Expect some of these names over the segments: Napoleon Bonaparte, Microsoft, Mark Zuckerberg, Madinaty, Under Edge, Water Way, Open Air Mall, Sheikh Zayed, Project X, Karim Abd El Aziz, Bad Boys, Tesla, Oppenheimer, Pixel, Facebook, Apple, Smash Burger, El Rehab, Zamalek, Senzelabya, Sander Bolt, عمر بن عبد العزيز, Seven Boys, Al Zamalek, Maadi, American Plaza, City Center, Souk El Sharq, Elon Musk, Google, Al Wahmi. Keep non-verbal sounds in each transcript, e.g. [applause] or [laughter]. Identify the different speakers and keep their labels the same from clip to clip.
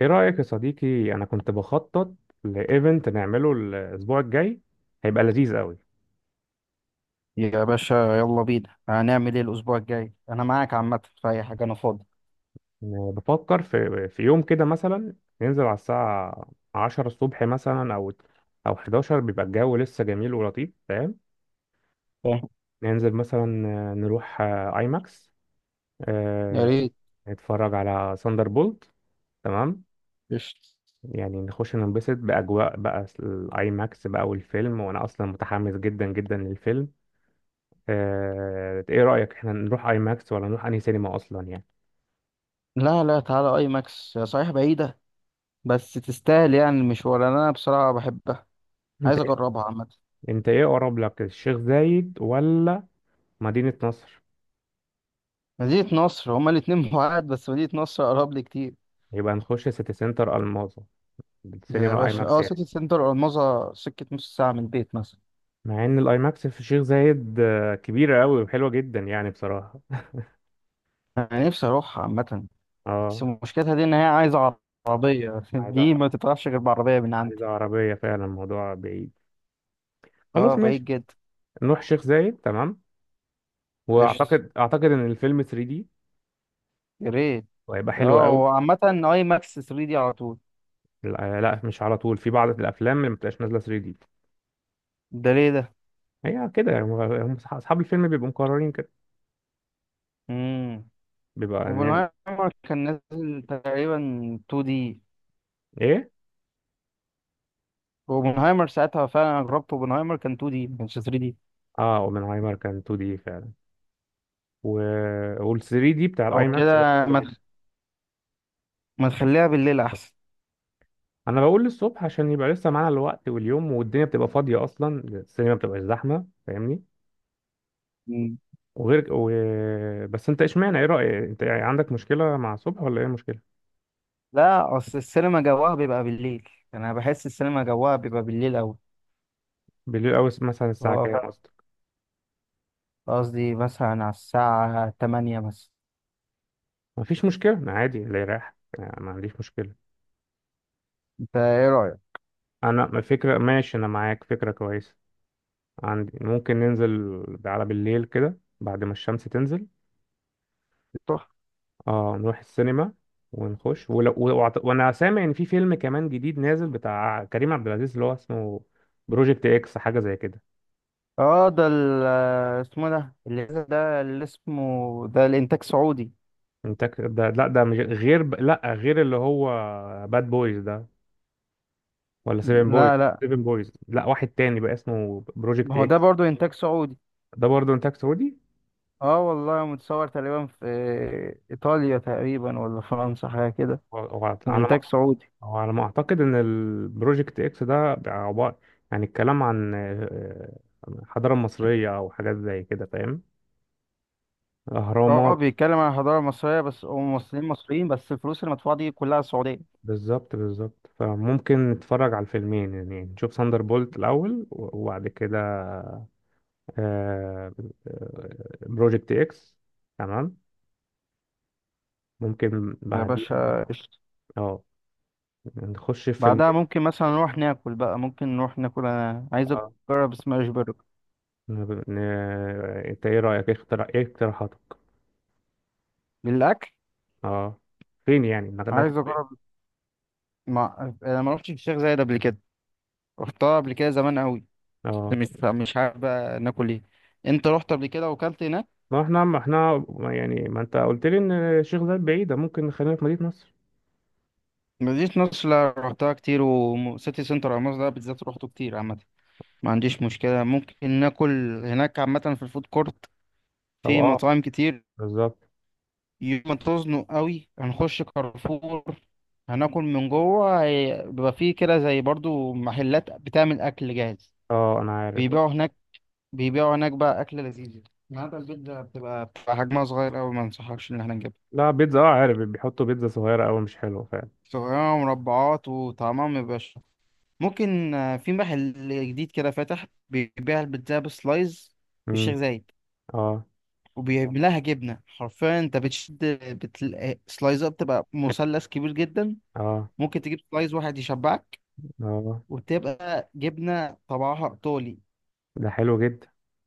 Speaker 1: ايه رأيك يا صديقي؟ انا كنت بخطط لايفنت نعمله الاسبوع الجاي. هيبقى لذيذ قوي.
Speaker 2: يا باشا، يلا بينا. هنعمل ايه الاسبوع الجاي؟ انا معاك عامه في اي حاجه، انا فاضي.
Speaker 1: بفكر في يوم كده مثلا. ننزل على الساعة 10 الصبح مثلا، او 11. بيبقى الجو لسه جميل ولطيف، فاهم؟
Speaker 2: فاهم.
Speaker 1: ننزل مثلا، نروح اي ماكس،
Speaker 2: يا ريت.
Speaker 1: نتفرج على ساندر بولت. تمام.
Speaker 2: قشطة.
Speaker 1: يعني نخش ننبسط بأجواء بقى الاي ماكس بقى والفيلم، وانا اصلا متحمس جدا جدا للفيلم. ايه رأيك؟ احنا نروح اي ماكس ولا نروح انهي سينما اصلا يعني؟
Speaker 2: لا لا، تعالى اي ماكس هي صحيح بعيده، بس تستاهل يعني المشوار. انا بصراحه بحبها،
Speaker 1: انت
Speaker 2: عايز
Speaker 1: إيه،
Speaker 2: اجربها عامه.
Speaker 1: انت ايه اقرب لك، الشيخ زايد ولا مدينة نصر؟
Speaker 2: مدينه نصر هما الاتنين [laughs] بعاد، بس مدينه نصر اقرب لي كتير.
Speaker 1: يبقى نخش سيتي سنتر الماظة،
Speaker 2: يا
Speaker 1: السينما الاي
Speaker 2: باشا
Speaker 1: ماكس
Speaker 2: اه،
Speaker 1: يعني.
Speaker 2: سيتي سنتر الماظة سكه نص ساعه من البيت مثلا.
Speaker 1: مع ان الاي ماكس في الشيخ زايد كبيرة قوي وحلوة جدا يعني بصراحة.
Speaker 2: انا نفسي اروحها عامه، بس
Speaker 1: اه.
Speaker 2: مشكلتها دي ان هي عايزه عربيه [laughs]
Speaker 1: عايزة،
Speaker 2: دي ما تتعرفش غير بعربيه من عندي.
Speaker 1: عايزة عربية فعلا، الموضوع بعيد. خلاص
Speaker 2: اه،
Speaker 1: ماشي،
Speaker 2: بعيد جدا.
Speaker 1: نروح شيخ زايد. تمام.
Speaker 2: قشطة.
Speaker 1: واعتقد ان الفيلم 3D
Speaker 2: يا ريت.
Speaker 1: وهيبقى حلو
Speaker 2: اه،
Speaker 1: قوي.
Speaker 2: هو عامة اي ماكس 3 دي على طول.
Speaker 1: لا لا، مش على طول. في بعض الافلام اللي ما بتبقاش نازلة 3D.
Speaker 2: ده ليه ده؟
Speaker 1: هي كده يعني، اصحاب الفيلم بيبقوا مقررين كده.
Speaker 2: امم
Speaker 1: بيبقى ان
Speaker 2: اوبنهايمر كان نازل تقريبا 2 دي.
Speaker 1: ايه.
Speaker 2: اوبنهايمر ساعتها فعلا انا جربت اوبنهايمر، كان 2 دي ما كانش 3 دي.
Speaker 1: اه، اوبنهايمر كان 2 دي فعلا. و... وال 3 دي بتاع
Speaker 2: او
Speaker 1: الاي
Speaker 2: كده.
Speaker 1: ماكس بيبقى حلو
Speaker 2: ما
Speaker 1: جدا.
Speaker 2: تخ- ما تخليها بالليل احسن.
Speaker 1: انا بقول للصبح عشان يبقى لسه معانا الوقت، واليوم والدنيا بتبقى فاضيه، اصلا السينما بتبقى زحمه، فاهمني؟
Speaker 2: مم.
Speaker 1: وغير و... بس انت اشمعنى، ايه رايك انت؟ يعني عندك مشكله مع الصبح ولا ايه مشكله؟
Speaker 2: لا، اصل السينما جواها بيبقى بالليل، يعني انا بحس السينما جواها بيبقى بالليل اوي.
Speaker 1: بالليل او مثلا الساعه
Speaker 2: هو ف-
Speaker 1: كام قصدك؟
Speaker 2: قصدي مثلا على الساعة 8 مثلا.
Speaker 1: مفيش مشكله، أنا عادي اللي يريح يعني، ما عنديش مشكله.
Speaker 2: انت ايه رأيك؟
Speaker 1: انا فكره ماشي، انا معاك، فكره كويسه عندي. ممكن ننزل على بالليل كده بعد ما الشمس تنزل.
Speaker 2: تحفة.
Speaker 1: اه، نروح السينما ونخش وانا سامع ان في فيلم كمان جديد نازل بتاع كريم عبد العزيز، اللي هو اسمه بروجكت اكس، حاجه زي كده.
Speaker 2: اه، ده ال- آه، اسمه إيه ده؟ اللي ده اللي اسمه، ده الانتاج سعودي.
Speaker 1: ده، لا ده مش غير لا، غير اللي هو باد بويز ده، ولا سيفن بويز؟
Speaker 2: لا لا،
Speaker 1: سيفن بويز لا، واحد تاني بقى اسمه
Speaker 2: ما
Speaker 1: بروجكت
Speaker 2: هو ده
Speaker 1: اكس.
Speaker 2: برضو انتاج سعودي.
Speaker 1: ده برضه انتاج سعودي.
Speaker 2: اه والله، متصور تقريبا في ايطاليا تقريبا، ولا فرنسا حاجه كده،
Speaker 1: وعلى،
Speaker 2: وانتاج سعودي.
Speaker 1: هو على ما اعتقد ان البروجكت اكس ده عبارة، يعني الكلام عن الحضارة المصرية او حاجات زي كده، فاهم.
Speaker 2: اه،
Speaker 1: اهرامات، اه.
Speaker 2: بيتكلم عن الحضاره المصريه بس، وممثلين مصريين بس، الفلوس المدفوعه دي كلها سعوديه.
Speaker 1: بالظبط بالظبط. فممكن نتفرج على الفيلمين، يعني نشوف ساندر بولت الاول، وبعد كده آه، بروجكت اكس. تمام. ممكن
Speaker 2: يا
Speaker 1: بعديها.
Speaker 2: باشا قشطة.
Speaker 1: اه، نخش في
Speaker 2: بعدها
Speaker 1: فيلمين.
Speaker 2: ممكن مثلا نروح ناكل بقى، ممكن نروح ناكل، انا عايز
Speaker 1: اه.
Speaker 2: اجرب سماش برجر.
Speaker 1: ن- ن- انت ايه رأيك؟ إيه اقتراحاتك؟
Speaker 2: للاكل
Speaker 1: اه، فين يعني
Speaker 2: عايز
Speaker 1: نكتب إيه؟
Speaker 2: اجرب. ما انا ما رحتش الشيخ زايد قبل كده، رحتها قبل كده زمان قوي.
Speaker 1: اه،
Speaker 2: مش عارف بقى ناكل ايه. انت رحت قبل كده وكلت هناك؟
Speaker 1: ما احنا ما احنا ما يعني ما انت قلت لي ان الشيخ زايد بعيدة، ممكن نخلينا في مدينة نصر.
Speaker 2: مدينة نصر لا، رحتها كتير، وسيتي سنتر أو مصر ده بالذات روحته كتير عامة. ما عنديش مشكلة، ممكن ناكل هناك عامة في الفود كورت،
Speaker 1: طب
Speaker 2: في
Speaker 1: اه.
Speaker 2: مطاعم كتير.
Speaker 1: بالظبط.
Speaker 2: يوم ما تزنق قوي هنخش كارفور، هناكل من جوه. بيبقى فيه كده زي برضو محلات بتعمل أكل جاهز،
Speaker 1: اه انا عارف.
Speaker 2: بيبيعوا هناك. بيبيعوا هناك بقى أكل لذيذ. النهارده البيتزا بتبقى حجمها صغير أوي، ما أنصحكش إن احنا نجيبها.
Speaker 1: لا بيتزا، اه عارف، بيحطوا بيتزا صغيرة قوي مش حلوة فعلا.
Speaker 2: صغيرة ومربعات وطعمها مبيبقاش. ممكن في محل جديد كده فاتح بيبيع البيتزا بسلايز في الشيخ
Speaker 1: مم.
Speaker 2: زايد،
Speaker 1: اه.
Speaker 2: وبيعملها جبنة حرفيا. انت بتشد، بتلاقي سلايزات بتبقى مثلث كبير جدا.
Speaker 1: اه.
Speaker 2: ممكن تجيب سلايز واحد يشبعك،
Speaker 1: اه.
Speaker 2: وبتبقى جبنة طبعها ايطالي.
Speaker 1: ده حلو جدا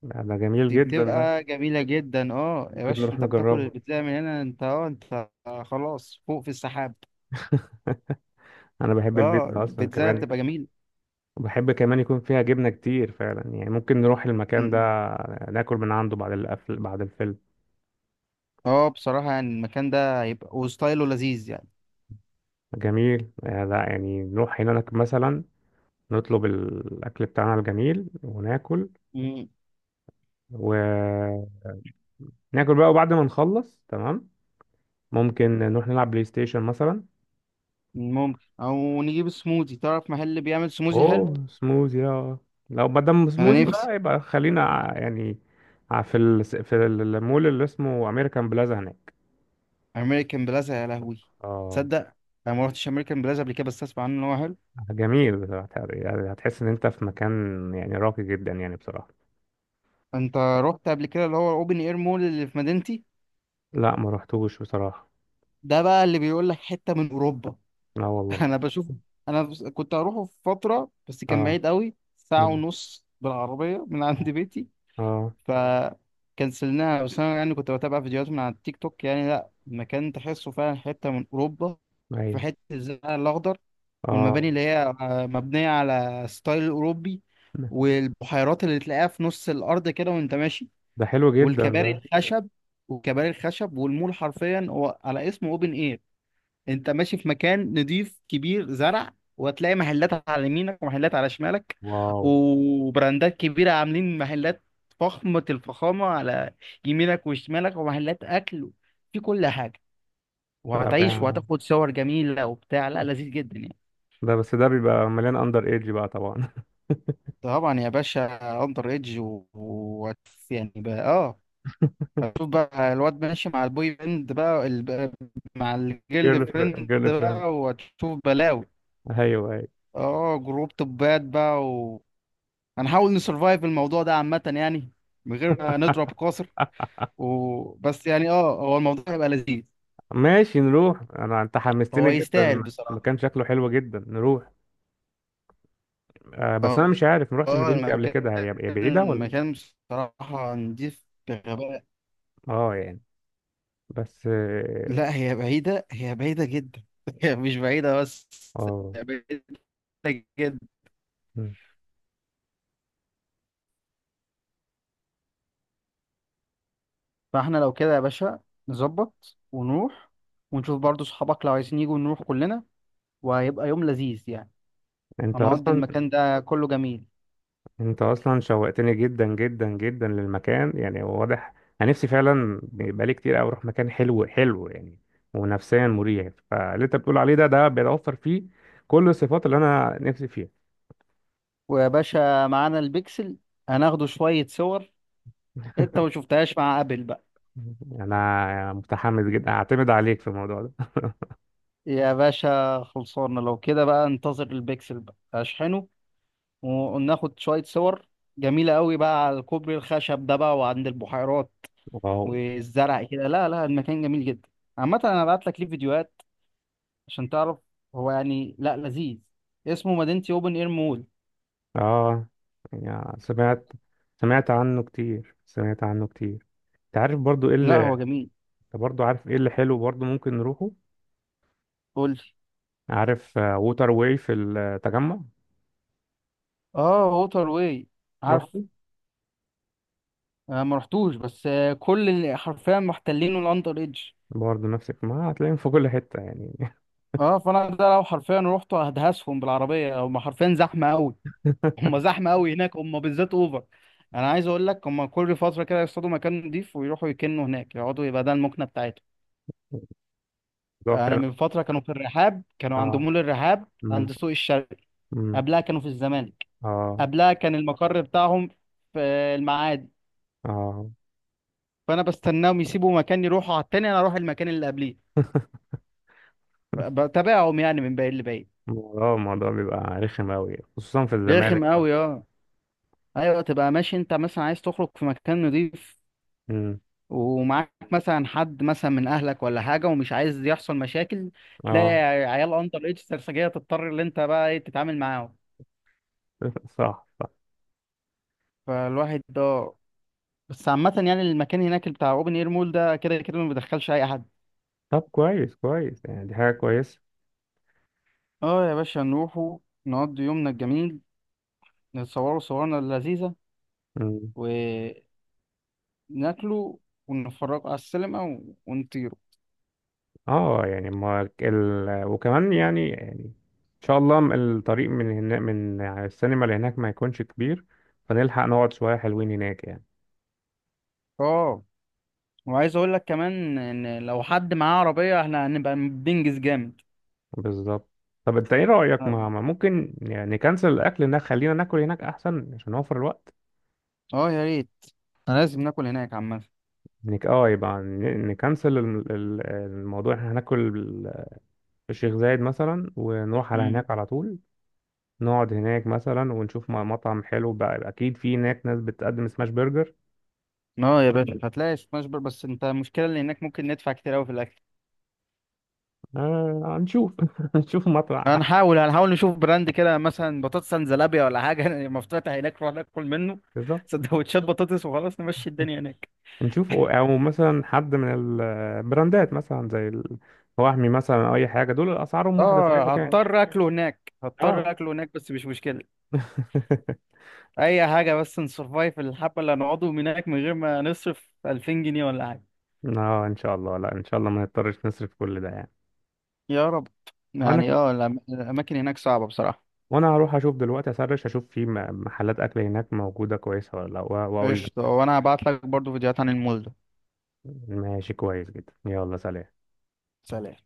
Speaker 1: ده، ده جميل
Speaker 2: دي
Speaker 1: جدا ده.
Speaker 2: بتبقى جميلة جدا. اه يا
Speaker 1: ممكن
Speaker 2: باشا،
Speaker 1: نروح
Speaker 2: انت بتاكل
Speaker 1: نجربه.
Speaker 2: البيتزا من هنا؟ انت خلاص فوق في السحاب.
Speaker 1: انا بحب
Speaker 2: اه
Speaker 1: البيتزا اصلا
Speaker 2: البيتزا
Speaker 1: كمان،
Speaker 2: بتبقى جميلة.
Speaker 1: وبحب كمان يكون فيها جبنة كتير فعلا، يعني ممكن نروح المكان
Speaker 2: م.
Speaker 1: ده، ناكل من عنده بعد القفل بعد الفيلم.
Speaker 2: اه بصراحة، يعني المكان ده هيبقى وستايله لذيذ يعني.
Speaker 1: جميل. لا يعني نروح هناك مثلا، نطلب الأكل بتاعنا الجميل وناكل.
Speaker 2: م.
Speaker 1: وناكل بقى، وبعد ما نخلص تمام، ممكن نروح نلعب بلاي ستيشن مثلا.
Speaker 2: ممكن او نجيب سموزي. تعرف محل اللي بيعمل سموزي حلو؟
Speaker 1: أوه سموزي، اه. لو ما دام
Speaker 2: انا
Speaker 1: سموزي
Speaker 2: نفسي.
Speaker 1: بقى، يبقى خلينا في في المول اللي اسمه أمريكان بلازا هناك.
Speaker 2: امريكان بلازا يا لهوي.
Speaker 1: اه.
Speaker 2: تصدق انا ما رحتش امريكان بلازا قبل كده، بس اسمع عنه ان هو حلو.
Speaker 1: جميل بصراحة، يعني هتحس إن أنت في مكان يعني راقي جدا يعني بصراحة.
Speaker 2: انت رحت قبل كده اللي هو الاوبن اير مول اللي في مدينتي؟
Speaker 1: لا، ما رحتوش بصراحة.
Speaker 2: ده بقى اللي بيقول لك حته من اوروبا.
Speaker 1: لا
Speaker 2: [laughs]
Speaker 1: والله.
Speaker 2: انا بشوف. كنت هروحه في فتره، بس كان
Speaker 1: اه.
Speaker 2: بعيد قوي ساعه
Speaker 1: مم.
Speaker 2: ونص بالعربيه من عند
Speaker 1: اه.
Speaker 2: بيتي،
Speaker 1: آه.
Speaker 2: فكنسلناها. بس انا يعني كنت بتابع فيديوهات من على التيك توك. يعني لا، المكان تحسه فعلا حته من اوروبا. في
Speaker 1: أيوه.
Speaker 2: حته الزرع الاخضر،
Speaker 1: اه.
Speaker 2: والمباني اللي هي مبنية على ستايل أوروبي، والبحيرات اللي تلاقيها في نص الأرض كده وأنت ماشي،
Speaker 1: ده حلو جدا
Speaker 2: والكباري
Speaker 1: ده.
Speaker 2: الخشب. والمول حرفيا هو على اسمه أوبن إير. أنت ماشي في مكان نضيف كبير زرع، وهتلاقي محلات على يمينك ومحلات على شمالك،
Speaker 1: واو.
Speaker 2: وبراندات كبيرة عاملين محلات فخمة الفخامة على يمينك وشمالك، ومحلات أكل في كل حاجة.
Speaker 1: ايوه
Speaker 2: وهتعيش
Speaker 1: رائع.
Speaker 2: وهتاخد صور جميلة وبتاع. لا، لذيذ جدا يعني.
Speaker 1: ده بس ده بيبقى مليان اندر ايدج بقى طبعا.
Speaker 2: طبعا يا باشا. اندر ايدج يعني بقى اه، هتشوف بقى الواد ماشي مع البوي بند بقى، مع
Speaker 1: [laughs]
Speaker 2: الجيرل
Speaker 1: جيرل فريند،
Speaker 2: فريند
Speaker 1: جيرل فريند.
Speaker 2: بقى، وهتشوف بلاوي.
Speaker 1: ايوه، ايوه.
Speaker 2: اه جروب توبات بقى. هنحاول نسرفايف الموضوع ده عامة يعني، من غير ما نضرب قاصر. بس يعني اه، هو الموضوع هيبقى لذيذ.
Speaker 1: ماشي، نروح. انا انت
Speaker 2: هو
Speaker 1: حمستني
Speaker 2: يستاهل
Speaker 1: جدا.
Speaker 2: بصراحة.
Speaker 1: المكان شكله حلو جدا، نروح. آه بس
Speaker 2: اه،
Speaker 1: انا مش عارف، ما رحتش مدينتي قبل
Speaker 2: المكان.
Speaker 1: كده. هي بعيده ولا؟
Speaker 2: المكان بصراحة نضيف بغباء.
Speaker 1: اه يعني. بس اه.
Speaker 2: لا، هي بعيدة، هي بعيدة جدا [laughs] هي مش بعيدة، بس
Speaker 1: آه.
Speaker 2: هي بعيدة جدا.
Speaker 1: مم.
Speaker 2: فاحنا لو كده يا باشا، نظبط ونروح، ونشوف برضو صحابك لو عايزين يجوا نروح كلنا، وهيبقى يوم لذيذ يعني.
Speaker 1: انت
Speaker 2: هنقضي
Speaker 1: اصلا،
Speaker 2: المكان ده كله جميل.
Speaker 1: انت اصلا شوقتني جدا جدا جدا للمكان، يعني هو واضح. انا نفسي فعلا بقالي كتير قوي اروح مكان حلو حلو يعني، ونفسيا مريح. فاللي انت بتقول عليه ده، ده بيتوفر فيه كل الصفات اللي انا نفسي فيها.
Speaker 2: ويا باشا، معانا البيكسل، هناخده شوية صور. انت ما شفتهاش مع ابل بقى.
Speaker 1: انا متحمس جدا، اعتمد عليك في الموضوع ده.
Speaker 2: يا باشا خلصانة، لو كده بقى انتظر البيكسل بقى اشحنه، وناخد شوية صور جميلة قوي بقى على الكوبري الخشب ده بقى، وعند البحيرات
Speaker 1: واو.
Speaker 2: والزرع كده. لا لا، المكان جميل جدا. عامة انا هبعت لك ليه فيديوهات عشان تعرف. هو يعني لا، لذيذ. اسمه مدينتي اوبن اير مول.
Speaker 1: اه يعني سمعت، سمعت عنه كتير، سمعت عنه كتير. انت عارف برضو ايه
Speaker 2: لا
Speaker 1: اللي،
Speaker 2: هو جميل.
Speaker 1: انت برضو عارف ايه اللي حلو برضو، ممكن نروحه.
Speaker 2: قول لي.
Speaker 1: عارف ووتر واي في التجمع؟
Speaker 2: اه ووتر واي،
Speaker 1: رحت؟
Speaker 2: عارف. آه ما رحتوش بس، آه كل اللي حرفيا محتلينه الاندر ايدج.
Speaker 1: برضه نفسك، ما هتلاقيهم في كل حتة يعني.
Speaker 2: اه، فانا ده لو حرفيا روحت هدهسهم بالعربية. هم حرفيا زحمة قوي [laughs] هم زحمة قوي هناك، هم بالذات اوفر. انا عايز اقول لك، هم كل فترة كده يصطادوا مكان نضيف ويروحوا يكنوا هناك يقعدوا، يبقى ده المكنة بتاعتهم.
Speaker 1: [laughs] الموضوع
Speaker 2: يعني
Speaker 1: فعلا.
Speaker 2: من فترة كانوا في الرحاب، كانوا عند
Speaker 1: اه.
Speaker 2: مول الرحاب
Speaker 1: امم.
Speaker 2: عند سوق الشرق.
Speaker 1: امم.
Speaker 2: قبلها كانوا في الزمالك.
Speaker 1: اه.
Speaker 2: قبلها كان المقر بتاعهم في المعادي.
Speaker 1: اه.
Speaker 2: فأنا بستناهم يسيبوا مكان يروحوا على التاني، أنا أروح المكان اللي قبليه. بتابعهم يعني من بعيد لبعيد.
Speaker 1: الموضوع، الموضوع بيبقى رخم أوي خصوصا في الزمالك
Speaker 2: رخم
Speaker 1: بقى.
Speaker 2: أوي أه. أيوة، تبقى ماشي أنت مثلا عايز تخرج في مكان نضيف،
Speaker 1: امم.
Speaker 2: ومعاك مثلا حد مثلا من أهلك ولا حاجة، ومش عايز يحصل مشاكل، تلاقي
Speaker 1: اه.
Speaker 2: عيال أندر إيدج سرسجية تضطر إن أنت بقى إيه تتعامل معاهم.
Speaker 1: صح صح.
Speaker 2: فالواحد ده. بس عامة يعني المكان هناك بتاع اوبن اير مول، ده كده كده ما بيدخلش اي حد.
Speaker 1: طب كويس كويس، يعني دي حاجة كويسة.
Speaker 2: اه يا باشا، نروحوا نقضي يومنا الجميل، نتصوروا صورنا اللذيذة
Speaker 1: امم.
Speaker 2: وناكلوا، ونتفرجوا على السينما ونطيروا.
Speaker 1: اه يعني ما ال... وكمان يعني يعني ان شاء الله، الطريق من هنا، من يعني السينما اللي هناك ما يكونش كبير، فنلحق نقعد شوية حلوين هناك يعني.
Speaker 2: اه، وعايز اقول لك كمان ان لو حد معاه عربية احنا هنبقى بننجز جامد.
Speaker 1: بالظبط. طب انت ايه رأيك،
Speaker 2: اه
Speaker 1: ما ممكن يعني نكنسل الاكل هناك، خلينا ناكل هناك احسن عشان نوفر الوقت.
Speaker 2: آه يا ريت، أنا لازم ناكل هناك عامة.
Speaker 1: اه، يبقى نكنسل الموضوع. احنا هناكل في الشيخ زايد مثلا، ونروح على
Speaker 2: مم.
Speaker 1: هناك على طول. نقعد هناك مثلا، ونشوف مطعم حلو بقى، اكيد في هناك ناس بتقدم سماش برجر.
Speaker 2: اه يا باشا، هتلاقي سماش بر، بس انت المشكلة اللي هناك ممكن ندفع كتير اوي في الاكل.
Speaker 1: آه هنشوف. [laughs] هنشوف
Speaker 2: هنحاول نشوف براند كده مثلا، بطاطس سنزلابيا ولا حاجه [laughs] مفتوح هناك، نروح ناكل منه
Speaker 1: بالظبط.
Speaker 2: سندوتشات بطاطس وخلاص نمشي الدنيا هناك.
Speaker 1: نشوف او، أو مثلا حد من البراندات مثلا زي الوهمي مثلا او اي حاجه، دول اسعارهم واحده في اي
Speaker 2: اه
Speaker 1: مكان.
Speaker 2: هضطر [laughs] اكله هناك
Speaker 1: اه.
Speaker 2: هضطر اكله هناك، بس مش مشكله.
Speaker 1: [laughs]
Speaker 2: اي حاجه، بس نسرفايف الحبه اللي هنقعده هناك من غير ما نصرف 2000 جنيه ولا حاجه.
Speaker 1: اه ان شاء الله، لا ان شاء الله ما نضطرش نصرف كل ده يعني.
Speaker 2: يا رب.
Speaker 1: وانا
Speaker 2: يعني
Speaker 1: آه.
Speaker 2: اه، الاماكن هناك صعبه بصراحه.
Speaker 1: وانا هروح اشوف دلوقتي، اسرش اشوف في محلات اكل هناك موجودة كويسة ولا لا واقول لك.
Speaker 2: قشطه. وانا هبعت لك برضو فيديوهات عن المول ده.
Speaker 1: ماشي، كويس جدا، يلا سلام.
Speaker 2: سلام.